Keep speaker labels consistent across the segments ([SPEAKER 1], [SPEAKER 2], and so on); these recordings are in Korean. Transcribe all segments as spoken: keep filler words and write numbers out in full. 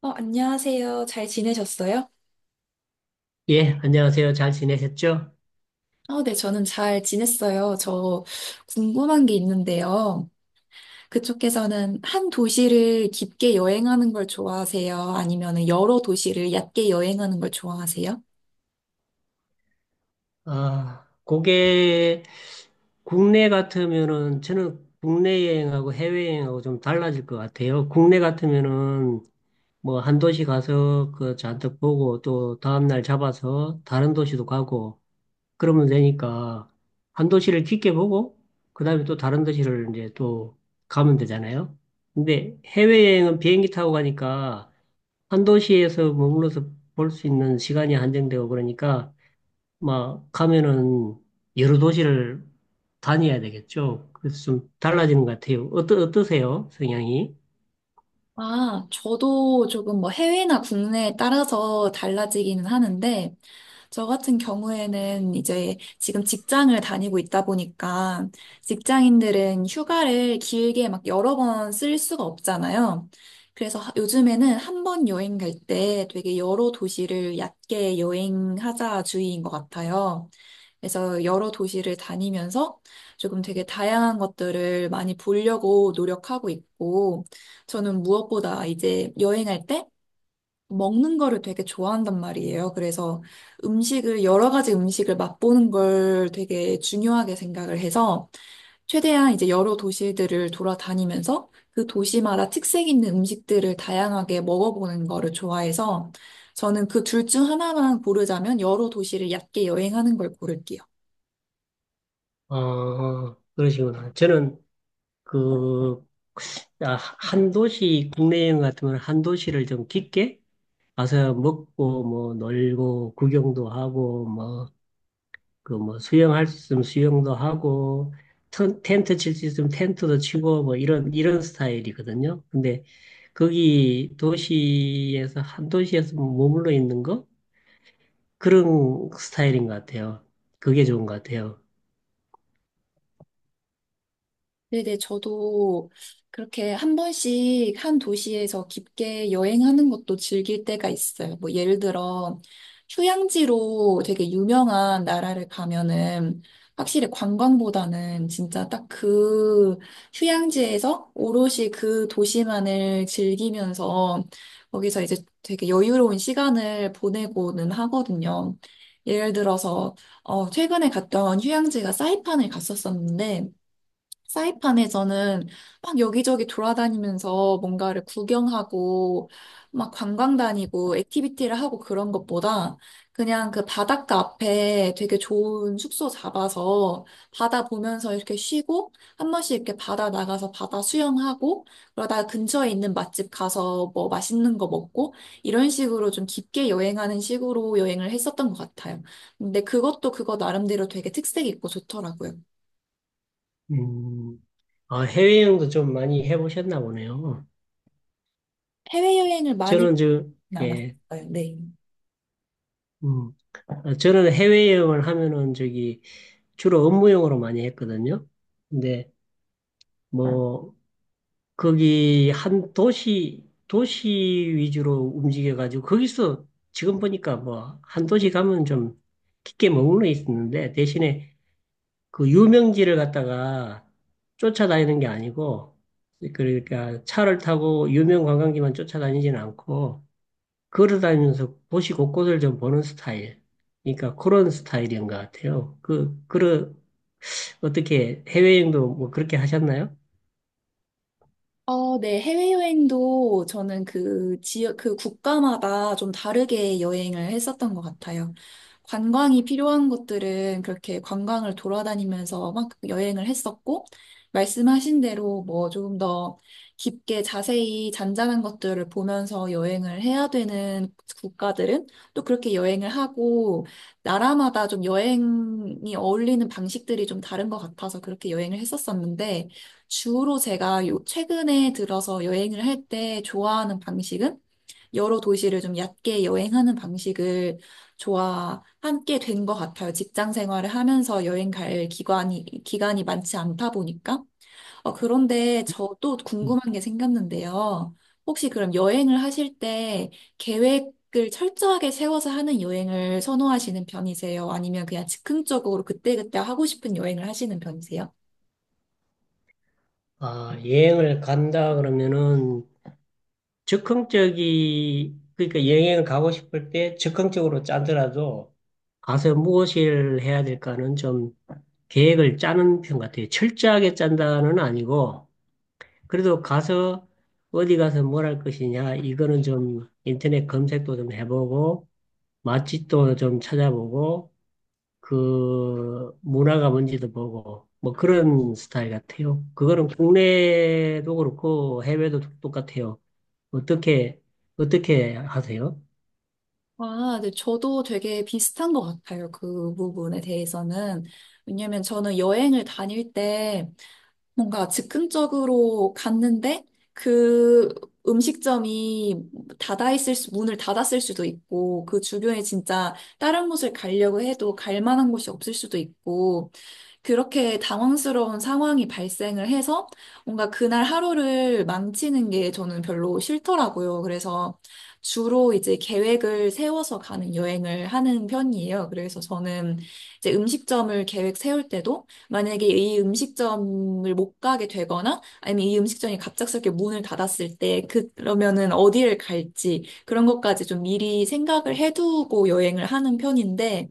[SPEAKER 1] 어, 안녕하세요. 잘 지내셨어요?
[SPEAKER 2] 예, 안녕하세요. 잘 지내셨죠?
[SPEAKER 1] 어, 네, 저는 잘 지냈어요. 저 궁금한 게 있는데요. 그쪽에서는 한 도시를 깊게 여행하는 걸 좋아하세요? 아니면 여러 도시를 얕게 여행하는 걸 좋아하세요?
[SPEAKER 2] 아, 그게 국내 같으면은 저는 국내 여행하고 해외 여행하고 좀 달라질 것 같아요. 국내 같으면은 뭐 한 도시 가서 그 잔뜩 보고 또 다음날 잡아서 다른 도시도 가고 그러면 되니까 한 도시를 깊게 보고 그다음에 또 다른 도시를 이제 또 가면 되잖아요. 근데 해외 여행은 비행기 타고 가니까 한 도시에서 머물러서 볼 수 있는 시간이 한정되고 그러니까 막 가면은 여러 도시를 다녀야 되겠죠. 그래서 좀 달라지는 것 같아요. 어떠, 어떠세요? 성향이?
[SPEAKER 1] 아, 저도 조금 뭐 해외나 국내에 따라서 달라지기는 하는데, 저 같은 경우에는 이제 지금 직장을 다니고 있다 보니까 직장인들은 휴가를 길게 막 여러 번 쓸 수가 없잖아요. 그래서 하- 요즘에는 한 번 여행 갈 때 되게 여러 도시를 얕게 여행하자 주의인 것 같아요. 그래서 여러 도시를 다니면서 조금 되게 다양한 것들을 많이 보려고 노력하고 있고, 저는 무엇보다 이제 여행할 때 먹는 거를 되게 좋아한단 말이에요. 그래서 음식을, 여러 가지 음식을 맛보는 걸 되게 중요하게 생각을 해서 최대한 이제 여러 도시들을 돌아다니면서 그 도시마다 특색 있는 음식들을 다양하게 먹어보는 거를 좋아해서 저는 그 둘 중 하나만 고르자면 여러 도시를 얕게 여행하는 걸 고를게요.
[SPEAKER 2] 어, 그러시구나. 저는 그, 아, 한 도시, 국내 여행 같으면 한 도시를 좀 깊게 가서 먹고, 뭐, 놀고, 구경도 하고, 뭐, 그 뭐 수영할 수 있으면 수영도 하고 텐, 텐트 칠 수 있으면 텐트도 치고 뭐 이런 이런 스타일이거든요. 근데 거기 도시에서 한 도시에서 머물러 있는 거 그런 스타일인 것 같아요. 그게 좋은 것 같아요.
[SPEAKER 1] 네네, 저도 그렇게 한 번씩 한 도시에서 깊게 여행하는 것도 즐길 때가 있어요. 뭐 예를 들어 휴양지로 되게 유명한 나라를 가면은 확실히 관광보다는 진짜 딱 그 휴양지에서 오롯이 그 도시만을 즐기면서 거기서 이제 되게 여유로운 시간을 보내고는 하거든요. 예를 들어서 어, 최근에 갔던 휴양지가 사이판을 갔었었는데 사이판에서는 막 여기저기 돌아다니면서 뭔가를 구경하고 막 관광 다니고 액티비티를 하고 그런 것보다 그냥 그 바닷가 앞에 되게 좋은 숙소 잡아서 바다 보면서 이렇게 쉬고 한 번씩 이렇게 바다 나가서 바다 수영하고 그러다가 근처에 있는 맛집 가서 뭐 맛있는 거 먹고 이런 식으로 좀 깊게 여행하는 식으로 여행을 했었던 것 같아요. 근데 그것도 그거 나름대로 되게 특색 있고 좋더라고요.
[SPEAKER 2] 음, 아, 해외여행도 좀 많이 해보셨나 보네요.
[SPEAKER 1] 해외여행을 많이
[SPEAKER 2] 저는 저
[SPEAKER 1] 나았
[SPEAKER 2] 예,
[SPEAKER 1] 어요 네.
[SPEAKER 2] 음, 아, 저는 해외여행을 하면은 저기 주로 업무용으로 많이 했거든요. 근데 음. 뭐 거기 한 도시, 도시 위주로 움직여가지고, 거기서 지금 보니까 뭐, 한 도시 가면 좀 깊게 머물러 있었는데, 대신에 그 유명지를 갖다가 쫓아다니는 게 아니고, 그러니까 차를 타고 유명 관광지만 쫓아다니지는 않고, 걸어다니면서 도시 곳곳을 좀 보는 스타일. 그러니까 그런 스타일인 것 같아요. 그, 그러, 어떻게 해외여행도 뭐 그렇게 하셨나요?
[SPEAKER 1] 어, 네. 해외여행도 저는 그 지역, 그 국가마다 좀 다르게 여행을 했었던 것 같아요. 관광이 필요한 곳들은 그렇게 관광을 돌아다니면서 막 여행을 했었고, 말씀하신 대로 뭐 조금 더 깊게 자세히 잔잔한 것들을 보면서 여행을 해야 되는 국가들은 또 그렇게 여행을 하고, 나라마다 좀 여행이 어울리는 방식들이 좀 다른 것 같아서 그렇게 여행을 했었었는데, 주로 제가 요- 최근에 들어서 여행을 할 때 좋아하는 방식은 여러 도시를 좀 얕게 여행하는 방식을 좋아하게 된 것 같아요. 직장 생활을 하면서 여행 갈 기간이, 기간이 많지 않다 보니까. 어, 그런데 저 또 궁금한 게 생겼는데요. 혹시 그럼 여행을 하실 때 계획을 철저하게 세워서 하는 여행을 선호하시는 편이세요? 아니면 그냥 즉흥적으로 그때그때 하고 싶은 여행을 하시는 편이세요?
[SPEAKER 2] 아, 여행을 간다 그러면은 즉흥적이, 그러니까 여행을 가고 싶을 때 즉흥적으로 짜더라도 가서 무엇을 해야 될까는 좀 계획을 짜는 편 같아요. 철저하게 짠다는 아니고, 그래도 가서 어디 가서 뭘 할 것이냐, 이거는 좀 인터넷 검색도 좀 해보고, 맛집도 좀 찾아보고, 그 문화가 뭔지도 보고, 뭐 그런 스타일 같아요. 그거는 국내도 그렇고 해외도 똑같아요. 어떻게, 어떻게 하세요?
[SPEAKER 1] 아, 네, 저도 되게 비슷한 것 같아요. 그 부분에 대해서는. 왜냐면 저는 여행을 다닐 때 뭔가 즉흥적으로 갔는데 그 음식점이 닫아 있을 수, 문을 닫았을 수도 있고 그 주변에 진짜 다른 곳을 가려고 해도 갈 만한 곳이 없을 수도 있고 그렇게 당황스러운 상황이 발생을 해서 뭔가 그날 하루를 망치는 게 저는 별로 싫더라고요. 그래서 주로 이제 계획을 세워서 가는 여행을 하는 편이에요. 그래서 저는 이제 음식점을 계획 세울 때도 만약에 이 음식점을 못 가게 되거나 아니면 이 음식점이 갑작스럽게 문을 닫았을 때 그- 그러면은 어디를 갈지 그런 것까지 좀 미리 생각을 해두고 여행을 하는 편인데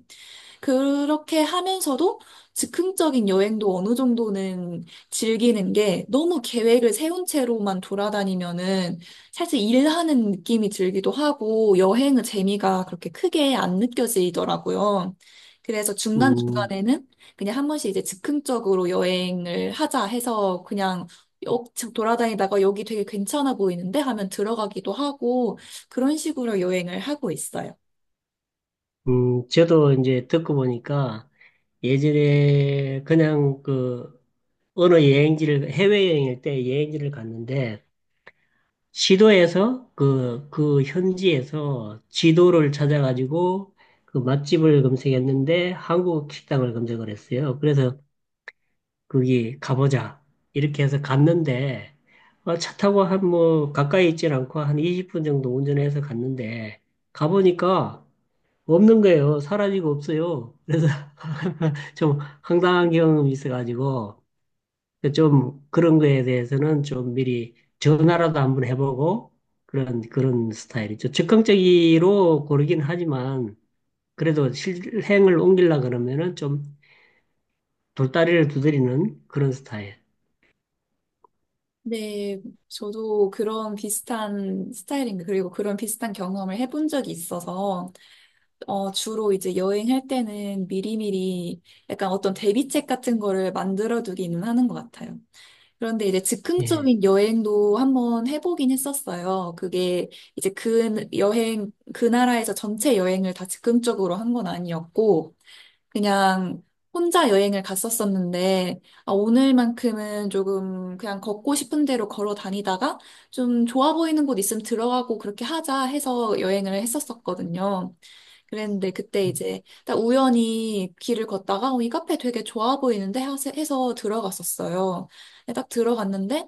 [SPEAKER 1] 그렇게 하면서도 즉흥적인 여행도 어느 정도는 즐기는 게 너무 계획을 세운 채로만 돌아다니면은 사실 일하는 느낌이 들기도 하고 여행의 재미가 그렇게 크게 안 느껴지더라고요. 그래서
[SPEAKER 2] 음.
[SPEAKER 1] 중간중간에는 그냥 한 번씩 이제 즉흥적으로 여행을 하자 해서 그냥 여- 돌아다니다가 여기 되게 괜찮아 보이는데 하면 들어가기도 하고 그런 식으로 여행을 하고 있어요.
[SPEAKER 2] 음, 저도 이제 듣고 보니까 예전에 그냥 그 어느 여행지를, 해외여행일 때 여행지를 갔는데 시도에서 그, 그 현지에서 지도를 찾아가지고 그 맛집을 검색했는데 한국 식당을 검색을 했어요. 그래서 거기 가보자. 이렇게 해서 갔는데, 어, 차 타고 한 뭐, 가까이 있진 않고 한 이십 분 정도 운전해서 갔는데, 가보니까 없는 거예요. 사라지고 없어요. 그래서 좀 황당한 경험이 있어가지고, 좀 그런 거에 대해서는 좀 미리 전화라도 한번 해보고, 그런, 그런 스타일이죠. 즉흥적으로 고르긴 하지만, 그래도 실행을 옮기려 그러면은 좀 돌다리를 두드리는 그런 스타일.
[SPEAKER 1] 네, 저도 그런 비슷한 스타일인, 그리고 그런 비슷한 경험을 해본 적이 있어서, 어, 주로 이제 여행할 때는 미리미리 약간 어떤 대비책 같은 거를 만들어 두기는 하는 것 같아요. 그런데 이제
[SPEAKER 2] 예.
[SPEAKER 1] 즉흥적인 여행도 한번 해보긴 했었어요. 그게 이제 그 여행, 그 나라에서 전체 여행을 다 즉흥적으로 한 건 아니었고, 그냥 혼자 여행을 갔었었는데, 아, 오늘만큼은 조금 그냥 걷고 싶은 대로 걸어 다니다가 좀 좋아 보이는 곳 있으면 들어가고 그렇게 하자 해서 여행을 했었었거든요. 그랬는데 그때
[SPEAKER 2] 음.
[SPEAKER 1] 이제 딱 우연히 길을 걷다가 어, 이 카페 되게 좋아 보이는데 해서 해서 들어갔었어요. 근데 딱 들어갔는데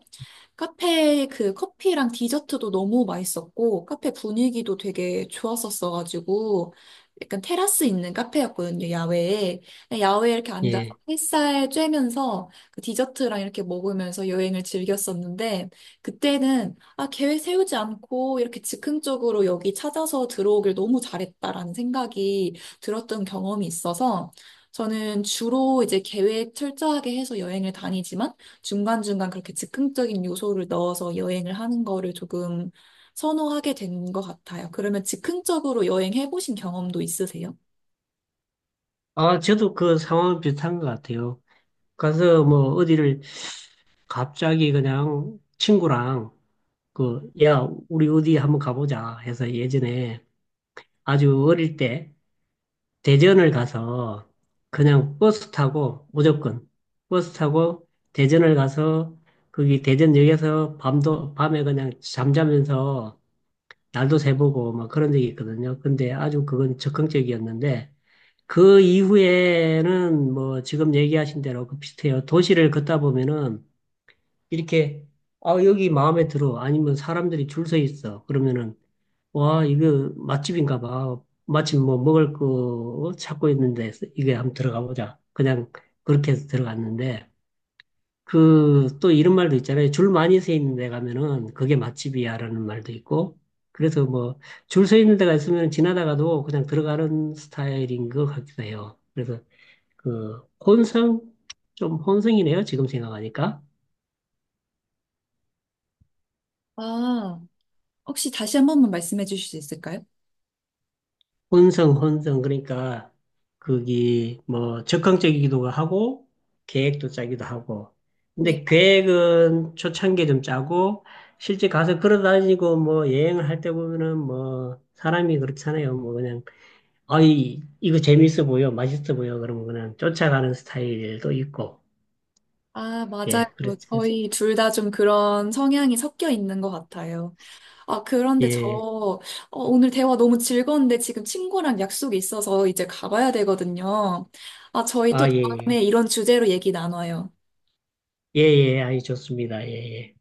[SPEAKER 1] 카페 그 커피랑 디저트도 너무 맛있었고, 카페 분위기도 되게 좋았었어가지고, 약간 테라스 있는 카페였거든요, 야외에. 야외에 이렇게 앉아서
[SPEAKER 2] 예.
[SPEAKER 1] 햇살 쬐면서 그 디저트랑 이렇게 먹으면서 여행을 즐겼었는데, 그때는, 아, 계획 세우지 않고 이렇게 즉흥적으로 여기 찾아서 들어오길 너무 잘했다라는 생각이 들었던 경험이 있어서, 저는 주로 이제 계획 철저하게 해서 여행을 다니지만, 중간중간 그렇게 즉흥적인 요소를 넣어서 여행을 하는 거를 조금 선호하게 된 것 같아요. 그러면 즉흥적으로 여행해 보신 경험도 있으세요?
[SPEAKER 2] 아, 저도 그 상황은 비슷한 것 같아요. 가서 뭐 어디를 갑자기 그냥 친구랑 그, 야, 우리 어디 한번 가보자 해서 예전에 아주 어릴 때 대전을 가서 그냥 버스 타고 무조건 버스 타고 대전을 가서 거기 대전역에서 밤도, 밤에 그냥 잠자면서 날도 새보고 막 그런 적이 있거든요. 근데 아주 그건 적극적이었는데 그 이후에는 뭐 지금 얘기하신 대로 그 비슷해요. 도시를 걷다 보면은 이렇게 아 여기 마음에 들어 아니면 사람들이 줄 서 있어 그러면은 와 이거 맛집인가 봐 마침 뭐 먹을 거 찾고 있는데 이게 한번 들어가 보자 그냥 그렇게 해서 들어갔는데 그 또 이런 말도 있잖아요. 줄 많이 서 있는 데 가면은 그게 맛집이야라는 말도 있고 그래서 뭐 줄 서 있는 데가 있으면 지나다가도 그냥 들어가는 스타일인 것 같기도 해요. 그래서 그 혼성 좀 혼성이네요. 지금 생각하니까
[SPEAKER 1] 아, 혹시 다시 한 번만 말씀해 주실 수 있을까요?
[SPEAKER 2] 혼성 혼성 그러니까 그게 뭐 적극적이기도 하고 계획도 짜기도 하고
[SPEAKER 1] 네,
[SPEAKER 2] 근데 계획은 초창기에 좀 짜고 실제 가서 걸어다니고 뭐 여행을 할 때 보면은 뭐 사람이 그렇잖아요. 뭐 그냥 아이 이거 재밌어 보여, 맛있어 보여 그러면 그냥 쫓아가는 스타일도 있고
[SPEAKER 1] 아, 맞아요.
[SPEAKER 2] 예. 그렇
[SPEAKER 1] 저희
[SPEAKER 2] 그렇습니다.
[SPEAKER 1] 둘 다 좀 그런 성향이 섞여 있는 것 같아요. 아, 그런데 저
[SPEAKER 2] 예.
[SPEAKER 1] 어, 오늘 대화 너무 즐거운데 지금 친구랑 약속이 있어서 이제 가봐야 되거든요. 아, 저희 또
[SPEAKER 2] 아, 예,
[SPEAKER 1] 다음에
[SPEAKER 2] 예.
[SPEAKER 1] 이런 주제로 얘기 나눠요.
[SPEAKER 2] 예, 예, 아니, 좋습니다. 예, 예.